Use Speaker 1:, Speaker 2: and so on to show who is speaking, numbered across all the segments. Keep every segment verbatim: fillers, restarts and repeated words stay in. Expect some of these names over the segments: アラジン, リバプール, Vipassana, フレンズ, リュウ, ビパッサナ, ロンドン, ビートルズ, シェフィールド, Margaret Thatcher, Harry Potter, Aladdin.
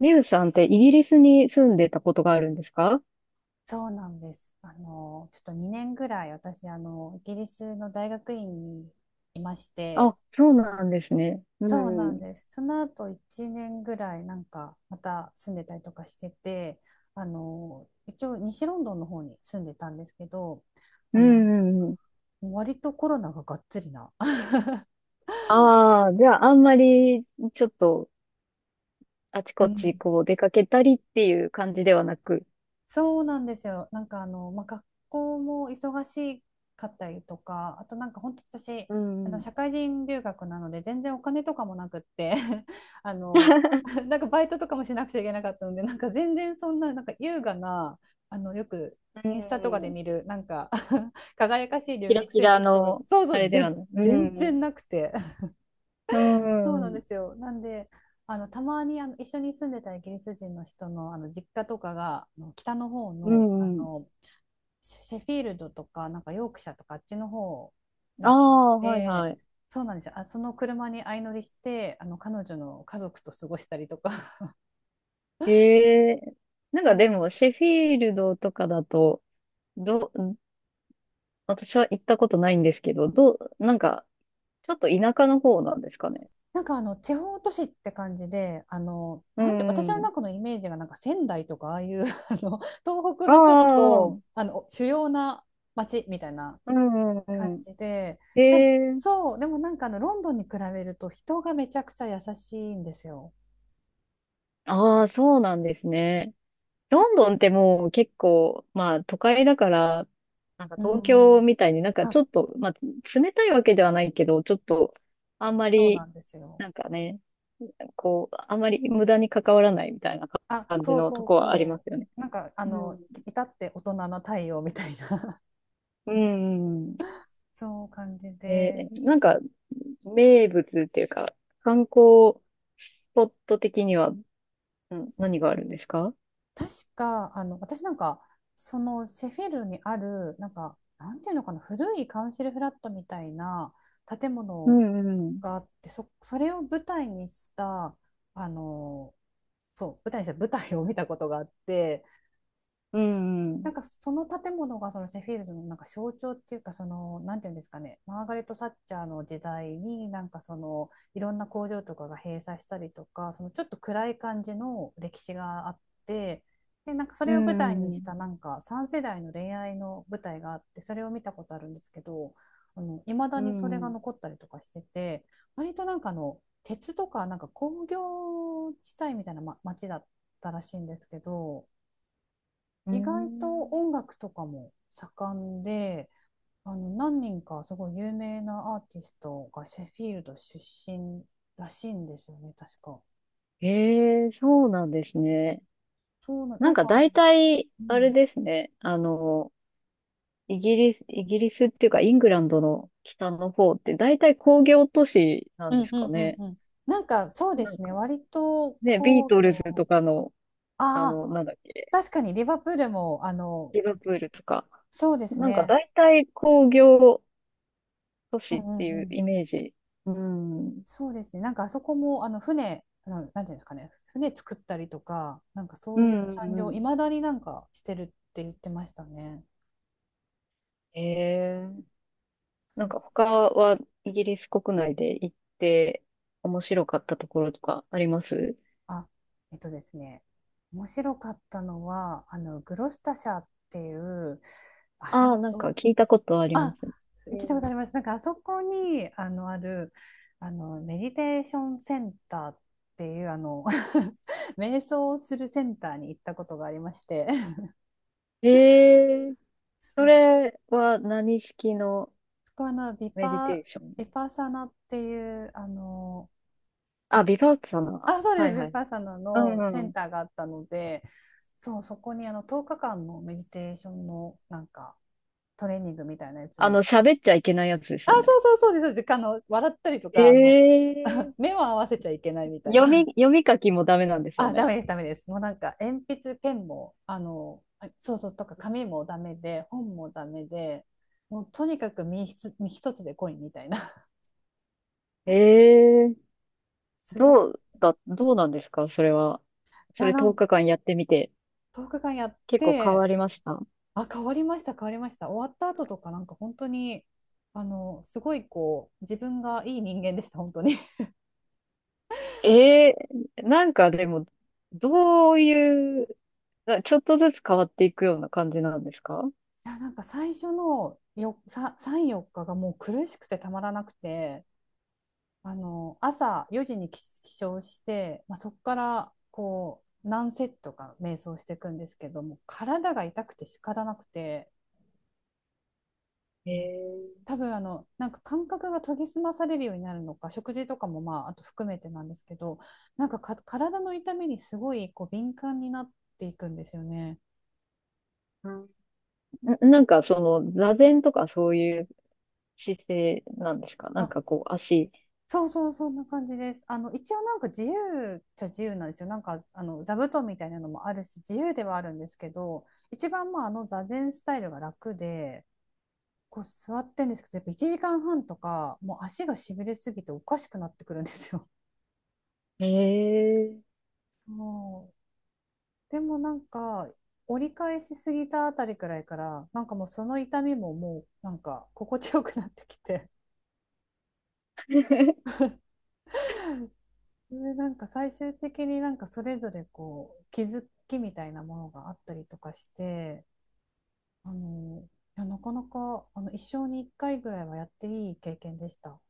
Speaker 1: リュウさんってイギリスに住んでたことがあるんですか？
Speaker 2: そうなんです。あの、ちょっとにねんぐらい私、あの、イギリスの大学院にいまして、
Speaker 1: あ、そうなんですね。う
Speaker 2: そうなん
Speaker 1: ん。
Speaker 2: です。その後いちねんぐらい、なんか、また住んでたりとかしてて、あの、一応西ロンドンの方に住んでたんですけど、
Speaker 1: う
Speaker 2: あ
Speaker 1: ん
Speaker 2: の、
Speaker 1: うんうん。
Speaker 2: 割とコロナががっつりな。
Speaker 1: ああ、じゃあ、あんまりちょっとあち
Speaker 2: う
Speaker 1: こ
Speaker 2: ん、
Speaker 1: ちこう出かけたりっていう感じではなく。
Speaker 2: そうなんですよ。なんかあの、まあ、学校も忙しかったりとか、あとなんか本当私、
Speaker 1: う
Speaker 2: あ
Speaker 1: ん。
Speaker 2: の
Speaker 1: う
Speaker 2: 社会人留学なので全然お金とかもなくって あの、なんかバイトとかもしなくちゃいけなかったので、なんか全然そんな、なんか優雅な、あの、よくインスタとかで
Speaker 1: ん。
Speaker 2: 見る、なんか 輝かしい留
Speaker 1: キラ
Speaker 2: 学
Speaker 1: キ
Speaker 2: 生
Speaker 1: ラ
Speaker 2: 活とか、
Speaker 1: の、
Speaker 2: そうそ
Speaker 1: あれ
Speaker 2: う、
Speaker 1: では
Speaker 2: ぜ、
Speaker 1: ない。う
Speaker 2: 全
Speaker 1: ん。
Speaker 2: 然なくて。
Speaker 1: う
Speaker 2: そうなんで
Speaker 1: ん。
Speaker 2: すよ。なんで、あのたまにあの一緒に住んでたイギリス人の人の、あの実家とかがあの北の方
Speaker 1: う
Speaker 2: の、あ
Speaker 1: んうん。
Speaker 2: のシェフィールドとか、なんかヨークシャとかあっちの方だ
Speaker 1: あ
Speaker 2: ったの
Speaker 1: あ、はい
Speaker 2: で、
Speaker 1: はい。
Speaker 2: そうなんですよ。あ、その車に相乗りして、あの彼女の家族と過ごしたりとか。
Speaker 1: ええ、なんか
Speaker 2: そう、
Speaker 1: でも、シェフィールドとかだと、ど、私は行ったことないんですけど、どう、なんか、ちょっと田舎の方なんですかね。
Speaker 2: なんかあの地方都市って感じで、あの
Speaker 1: う
Speaker 2: なんて私の
Speaker 1: ん。
Speaker 2: 中のイメージがなんか仙台とかああいう あの東北
Speaker 1: あ
Speaker 2: のちょっ
Speaker 1: あ、う
Speaker 2: と
Speaker 1: ん。
Speaker 2: あの主要な町みたいな
Speaker 1: うん
Speaker 2: 感
Speaker 1: うん。
Speaker 2: じで、
Speaker 1: へ
Speaker 2: た
Speaker 1: え。
Speaker 2: そう、でもなんかあのロンドンに比べると人がめちゃくちゃ優しいんですよ。
Speaker 1: ああ、そうなんですね。ロンドンってもう結構、まあ都会だから、なんか
Speaker 2: う
Speaker 1: 東京
Speaker 2: ん。
Speaker 1: みたいに、なんか
Speaker 2: あ、
Speaker 1: ちょっと、まあ冷たいわけではないけど、ちょっとあんま
Speaker 2: そうな
Speaker 1: り、
Speaker 2: んですよ。
Speaker 1: なんかね、こう、あんまり無駄に関わらないみたいな
Speaker 2: あ、
Speaker 1: 感じ
Speaker 2: そう
Speaker 1: の
Speaker 2: そ
Speaker 1: と
Speaker 2: う
Speaker 1: こはありま
Speaker 2: そ
Speaker 1: すよね。
Speaker 2: う。なんかあ
Speaker 1: う
Speaker 2: の、
Speaker 1: ん。
Speaker 2: 至って大人な対応みたいな。
Speaker 1: うんうんうん。
Speaker 2: そう感じ
Speaker 1: え
Speaker 2: で、
Speaker 1: ー、なんか名物っていうか、観光スポット的には、うん、何があるんですか？
Speaker 2: 確か、あの、私なんか、そのシェフィルにある、なんか、なんていうのかな、古いカウンシルフラットみたいな建
Speaker 1: う
Speaker 2: 物
Speaker 1: んうん。
Speaker 2: があって、そ、それを舞台にした、あの、そう、舞台にした舞台を見たことがあって、
Speaker 1: うんう
Speaker 2: な
Speaker 1: ん。
Speaker 2: んかその建物がそのシェフィールドのなんか象徴っていうか、そのなんていうんですかね、マーガレット・サッチャーの時代になんかそのいろんな工場とかが閉鎖したりとか、そのちょっと暗い感じの歴史があって。で、なんかそ
Speaker 1: う
Speaker 2: れを舞
Speaker 1: ん
Speaker 2: 台
Speaker 1: う
Speaker 2: に
Speaker 1: んう
Speaker 2: し
Speaker 1: ん。
Speaker 2: たなんかさん世代の恋愛の舞台があって、それを見たことあるんですけど、いまだ
Speaker 1: う
Speaker 2: にそれが
Speaker 1: ん
Speaker 2: 残ったりとかしてて、割となんかあの鉄とかなんか工業地帯みたいな、ま、町だったらしいんですけど。
Speaker 1: うん
Speaker 2: 意外
Speaker 1: う
Speaker 2: と
Speaker 1: ん。
Speaker 2: 音楽とかも盛んで、あの何人かすごい有名なアーティストがシェフィールド出身らしいんですよね、確か。
Speaker 1: ええ、そうなんですね。
Speaker 2: そうな、な
Speaker 1: なん
Speaker 2: ん
Speaker 1: か
Speaker 2: か、
Speaker 1: 大体、
Speaker 2: う
Speaker 1: あれ
Speaker 2: ん、
Speaker 1: ですね。あの、イギリス、イギリスっていうか、イングランドの北の方って大体工業都市な
Speaker 2: う
Speaker 1: んで
Speaker 2: ん
Speaker 1: す
Speaker 2: う
Speaker 1: か
Speaker 2: んうん
Speaker 1: ね。
Speaker 2: うん。なんかそうで
Speaker 1: なん
Speaker 2: すね、
Speaker 1: か、
Speaker 2: 割と
Speaker 1: ね、ビー
Speaker 2: 皇
Speaker 1: トルズと
Speaker 2: 居、
Speaker 1: かの、あ
Speaker 2: ああ、
Speaker 1: の、なんだっけ。
Speaker 2: 確かにリバプールも、あの、
Speaker 1: リバプールとか。
Speaker 2: そうです
Speaker 1: なんか
Speaker 2: ね、
Speaker 1: 大体工業都
Speaker 2: う
Speaker 1: 市
Speaker 2: ん
Speaker 1: っ
Speaker 2: う
Speaker 1: て
Speaker 2: ん
Speaker 1: い
Speaker 2: う
Speaker 1: う
Speaker 2: ん、
Speaker 1: イメージ。うん。うん、
Speaker 2: そうですね、なんかあそこも、あの船、あのなんていうんですかね、船作ったりとか、なんかそ
Speaker 1: う
Speaker 2: ういう
Speaker 1: ん
Speaker 2: 産
Speaker 1: う
Speaker 2: 業、い
Speaker 1: ん。
Speaker 2: まだになんかしてるって言ってましたね。
Speaker 1: ええ。なんか他はイギリス国内で行って面白かったところとかあります？
Speaker 2: あ、えっとですね、面白かったのは、あの、グロスタ社っていう、あれ
Speaker 1: ああー、
Speaker 2: は
Speaker 1: なん
Speaker 2: ど
Speaker 1: か
Speaker 2: う、
Speaker 1: 聞いたことありま
Speaker 2: あ、
Speaker 1: す。
Speaker 2: 聞
Speaker 1: う
Speaker 2: いたことあ
Speaker 1: ん。
Speaker 2: ります。なんか、あそこに、あの、ある、あの、メディテーションセンターっていう、あの、瞑想をするセンターに行ったことがありまして、
Speaker 1: ええ、そ
Speaker 2: そう。
Speaker 1: れは何式の
Speaker 2: そこはあの、ビ
Speaker 1: メディ
Speaker 2: パ、
Speaker 1: テーション？
Speaker 2: ビパサナっていう、あの、な
Speaker 1: あ、
Speaker 2: んか
Speaker 1: ビパッサナ。
Speaker 2: あ、そうで
Speaker 1: は
Speaker 2: す。
Speaker 1: い
Speaker 2: ヴ
Speaker 1: は
Speaker 2: ィ
Speaker 1: い。
Speaker 2: パッサナ
Speaker 1: う
Speaker 2: のセ
Speaker 1: んう
Speaker 2: ン
Speaker 1: ん。
Speaker 2: ターがあったので、そう、そこにあのとおかかんのメディテーションのなんかトレーニングみたいなやつ
Speaker 1: あ
Speaker 2: に。
Speaker 1: の、喋っちゃいけないやつです
Speaker 2: あ、
Speaker 1: よ
Speaker 2: そ
Speaker 1: ね。
Speaker 2: うそうそうです。そうです、あの、笑ったりと
Speaker 1: え
Speaker 2: か、あの、
Speaker 1: え、
Speaker 2: 目を合わせちゃいけないみたいな。
Speaker 1: 読み、読み書きもダメなんですよ
Speaker 2: あ、ダ
Speaker 1: ね。
Speaker 2: メです、ダメです。もうなんか鉛筆、ペンも、あの、あそうそう、とか紙もダメで、本もダメで、もうとにかく身一つ身一つでコインみたいな。
Speaker 1: ええ、
Speaker 2: すごい。い
Speaker 1: どうだ、どうなんですか、それは。そ
Speaker 2: や、
Speaker 1: れ
Speaker 2: な
Speaker 1: 10
Speaker 2: んか
Speaker 1: 日間やってみて、
Speaker 2: とおかかんやっ
Speaker 1: 結構変わ
Speaker 2: て、
Speaker 1: りました？
Speaker 2: あ、変わりました、変わりました。終わった後とか、なんか本当に、あの、すごいこう、自分がいい人間でした、本当に。い
Speaker 1: ええ、なんかでも、どういう、なちょっとずつ変わっていくような感じなんですか？
Speaker 2: や、なんか最初のよ、さ、さん、よっかがもう苦しくてたまらなくて、あの、朝よじに起起床して、まあ、そこから、こう、何セットか瞑想していくんですけども、体が痛くて仕方なくて、う
Speaker 1: ええ、
Speaker 2: 多分あのなんか感覚が研ぎ澄まされるようになるのか、食事とかもまああと含めてなんですけど、なんかか体の痛みにすごいこう敏感になっていくんですよね。
Speaker 1: な、なんかその、座禅とかそういう姿勢なんですか、なんか
Speaker 2: あ、
Speaker 1: こう、足。
Speaker 2: そうそう、そんな感じです。あの一応なんか自由っちゃ自由なんですよ。なんかあの座布団みたいなのもあるし自由ではあるんですけど、一番まああの座禅スタイルが楽でこう座ってんですけど、やっぱいちじかんはんとかもう足がしびれすぎておかしくなってくるんですよ。
Speaker 1: ええ。
Speaker 2: もでもなんか、折り返しすぎたあたりくらいから、なんかもうその痛みも、もうなんか心地よくなってきて、で、なんか最終的になんかそれぞれこう気づきみたいなものがあったりとかして、あの、いや、なかなかあの一生に一回ぐらいはやっていい経験でした。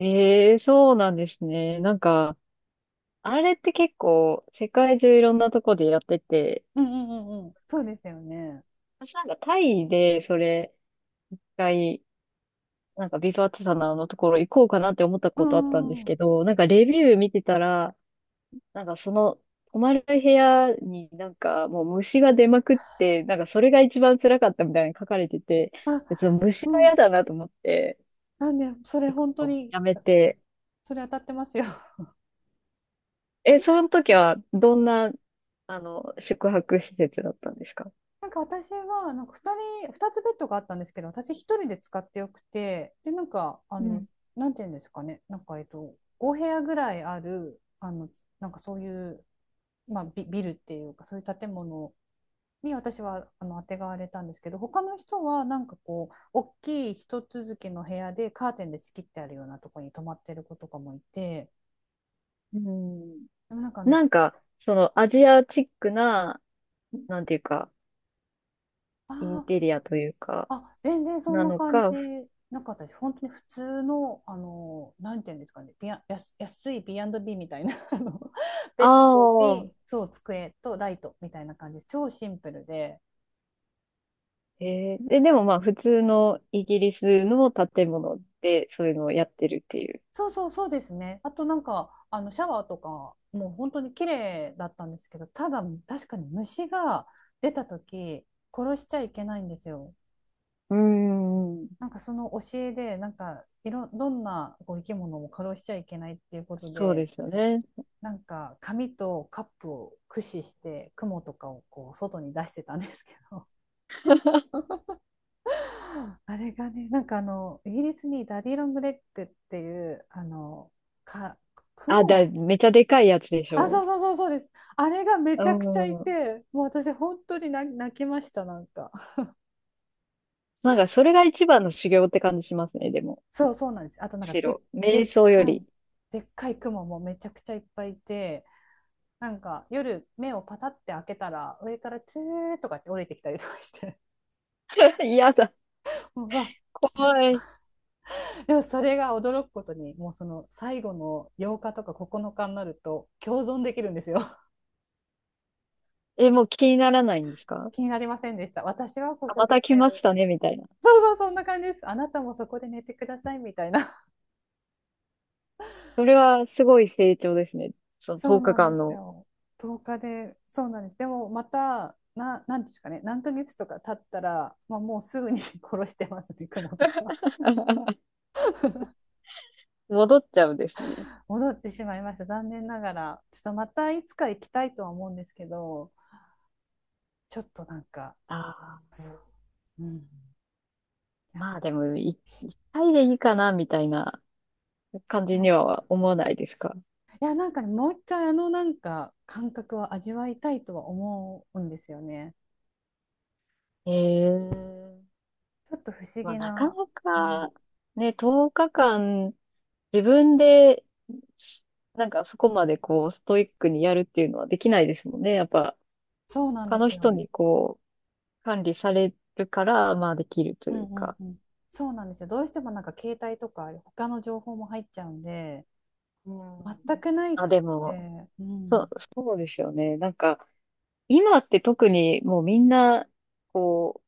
Speaker 1: ええ、そうなんですね。なんか、あれって結構世界中いろんなとこでやってて、
Speaker 2: うんうんうんうん。そうですよね。
Speaker 1: 私なんかタイでそれ一回、なんかビブアッツサナののところ行こうかなって思った
Speaker 2: う
Speaker 1: こ
Speaker 2: んう
Speaker 1: とあったんです
Speaker 2: んう
Speaker 1: け
Speaker 2: ん。
Speaker 1: ど、なんかレビュー見てたら、なんかその泊まる部屋になんかもう虫が出まくって、なんかそれが一番辛かったみたいに書かれてて、
Speaker 2: あ、
Speaker 1: 別に虫
Speaker 2: う
Speaker 1: は嫌
Speaker 2: ん。
Speaker 1: だなと思って、
Speaker 2: なんで、それ
Speaker 1: 結
Speaker 2: 本当
Speaker 1: 構
Speaker 2: に、
Speaker 1: やめて、
Speaker 2: それ当たってますよ。
Speaker 1: え、その時はどんな、あの、宿泊施設だったんですか？
Speaker 2: なんか私はなんかふたり、ふたつベッドがあったんですけど、私一人で使ってよくて、で、なんか、あ
Speaker 1: う
Speaker 2: の、
Speaker 1: ん。
Speaker 2: なんていうんですかね、なんか、えっと、ご部屋ぐらいある、あの、なんかそういう、まあ、ビ、ビルっていうか、そういう建物に私はあの、当てがわれたんですけど、他の人は、なんかこう、大きい一続きの部屋でカーテンで仕切ってあるようなところに泊まってる子とかもいて、
Speaker 1: うん。
Speaker 2: でもなんかあの、
Speaker 1: なんか、そのアジアチックな、なんていうか、イン
Speaker 2: あ、
Speaker 1: テリアというか、
Speaker 2: あ、全然そん
Speaker 1: な
Speaker 2: な
Speaker 1: の
Speaker 2: 感じ
Speaker 1: か、
Speaker 2: なかったです。本当に普通の、あの、なんていうんですかね、ビア、安、安い ビーアンドビー みたいな、あの、ベ
Speaker 1: あ
Speaker 2: ッド
Speaker 1: あ、
Speaker 2: に、そう、机とライトみたいな感じです。超シンプルで。
Speaker 1: えー、で、でもまあ普通のイギリスの建物でそういうのをやってるっていう。
Speaker 2: そうそう、そうですね。あとなんか、あの、シャワーとか、もう本当に綺麗だったんですけど、ただ、確かに虫が出た時、殺しちゃいけないんですよ。
Speaker 1: うーん、
Speaker 2: なんかその教えで、なんか、いろ、どんなこう生き物も殺しちゃいけないっていうこと
Speaker 1: そうで
Speaker 2: で、
Speaker 1: すよね。
Speaker 2: なんか紙とカップを駆使して雲とかをこう外に出してたんですけど、 あれがね、なんかあのイギリスにダディ・ロングレッグっていう、あのか
Speaker 1: あ、だ、
Speaker 2: 雲、
Speaker 1: めちゃでかいやつでし
Speaker 2: あ、そ
Speaker 1: ょ
Speaker 2: うそうそうそうです。あれがめ
Speaker 1: う。
Speaker 2: ち
Speaker 1: う
Speaker 2: ゃくちゃい
Speaker 1: ん。
Speaker 2: て、もう私本当に泣泣きました。なんか
Speaker 1: なんかそれが一番の修行って感じしますね、でも。
Speaker 2: そうそうなんです。あとなんかで
Speaker 1: 白
Speaker 2: で
Speaker 1: 瞑
Speaker 2: っ
Speaker 1: 想よ
Speaker 2: か
Speaker 1: り。
Speaker 2: いでっかい雲もめちゃくちゃいっぱいいて、なんか夜目をパタって開けたら上からツーとかって降りてきたりとかして、
Speaker 1: 嫌だ。
Speaker 2: も うわ、
Speaker 1: 怖
Speaker 2: 来た。
Speaker 1: い。
Speaker 2: でもそれが驚くことに、もうその最後のようかとかここのかになると共存できるんですよ。
Speaker 1: え、もう気にならないんですか？
Speaker 2: 気になりませんでした。私はこ
Speaker 1: あ、
Speaker 2: こ
Speaker 1: ま
Speaker 2: で
Speaker 1: た来
Speaker 2: 寝
Speaker 1: まし
Speaker 2: る、
Speaker 1: たね、みたいな。
Speaker 2: そうそう、そんな感じです。あなたもそこで寝てくださいみたいな。
Speaker 1: それはすごい成長ですね。そ の
Speaker 2: そう
Speaker 1: 10
Speaker 2: なん
Speaker 1: 日
Speaker 2: で
Speaker 1: 間
Speaker 2: す
Speaker 1: の。
Speaker 2: よ。とおかでそうなんです。でもまたななんですかね、何ヶ月とか経ったら、まあ、もうすぐに 殺してますね、雲とか。
Speaker 1: 戻っちゃうんですね。
Speaker 2: 戻ってしまいました、残念ながら。ちょっとまたいつか行きたいとは思うんですけど、ちょっとなんか
Speaker 1: ああ、
Speaker 2: そう、うん、い
Speaker 1: ま
Speaker 2: や
Speaker 1: あでも、一回でいいかな、みたいな感
Speaker 2: そ
Speaker 1: じに
Speaker 2: う
Speaker 1: は思わないですか？
Speaker 2: いや、なんかねもう一回あのなんか感覚を味わいたいとは思うんですよね。
Speaker 1: ええ、
Speaker 2: ちょっと不思
Speaker 1: まあ
Speaker 2: 議
Speaker 1: なか
Speaker 2: な。
Speaker 1: な
Speaker 2: うん、
Speaker 1: か、ね、とおかかん、自分で、なんかそこまでこう、ストイックにやるっていうのはできないですもんね。やっぱ、
Speaker 2: そうなんで
Speaker 1: 他の
Speaker 2: す
Speaker 1: 人
Speaker 2: よ。
Speaker 1: にこう、管理されるから、まあできると
Speaker 2: う
Speaker 1: い
Speaker 2: ん
Speaker 1: う
Speaker 2: うん
Speaker 1: か。
Speaker 2: うん。そうなんですよ。どうしてもなんか携帯とか他の情報も入っちゃうんで、
Speaker 1: う
Speaker 2: 全
Speaker 1: ん。
Speaker 2: くないっ
Speaker 1: あ、でも、
Speaker 2: て、う
Speaker 1: そう、
Speaker 2: ん、
Speaker 1: そうですよね。なんか、今って特にもうみんな、こ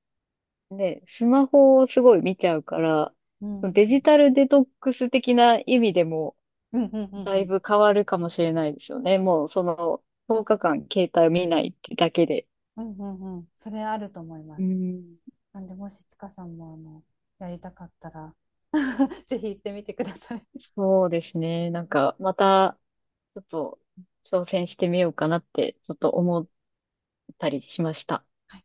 Speaker 1: う、ね、スマホをすごい見ちゃうから、
Speaker 2: うん、
Speaker 1: デ
Speaker 2: うん、
Speaker 1: ジタルデトックス的な意味でも、
Speaker 2: うん、うん、
Speaker 1: だ
Speaker 2: う
Speaker 1: い
Speaker 2: ん、
Speaker 1: ぶ変わるかもしれないですよね。もうその、とおかかん携帯を見ないってだけで。
Speaker 2: うん、うんうん、それあると思いま
Speaker 1: う
Speaker 2: す。
Speaker 1: ん、
Speaker 2: なんで、もしちかさんもあの、やりたかったら ぜひ行ってみてください。
Speaker 1: そうですね。なんか、また、ちょっと、挑戦してみようかなって、ちょっと思ったりしました。
Speaker 2: はい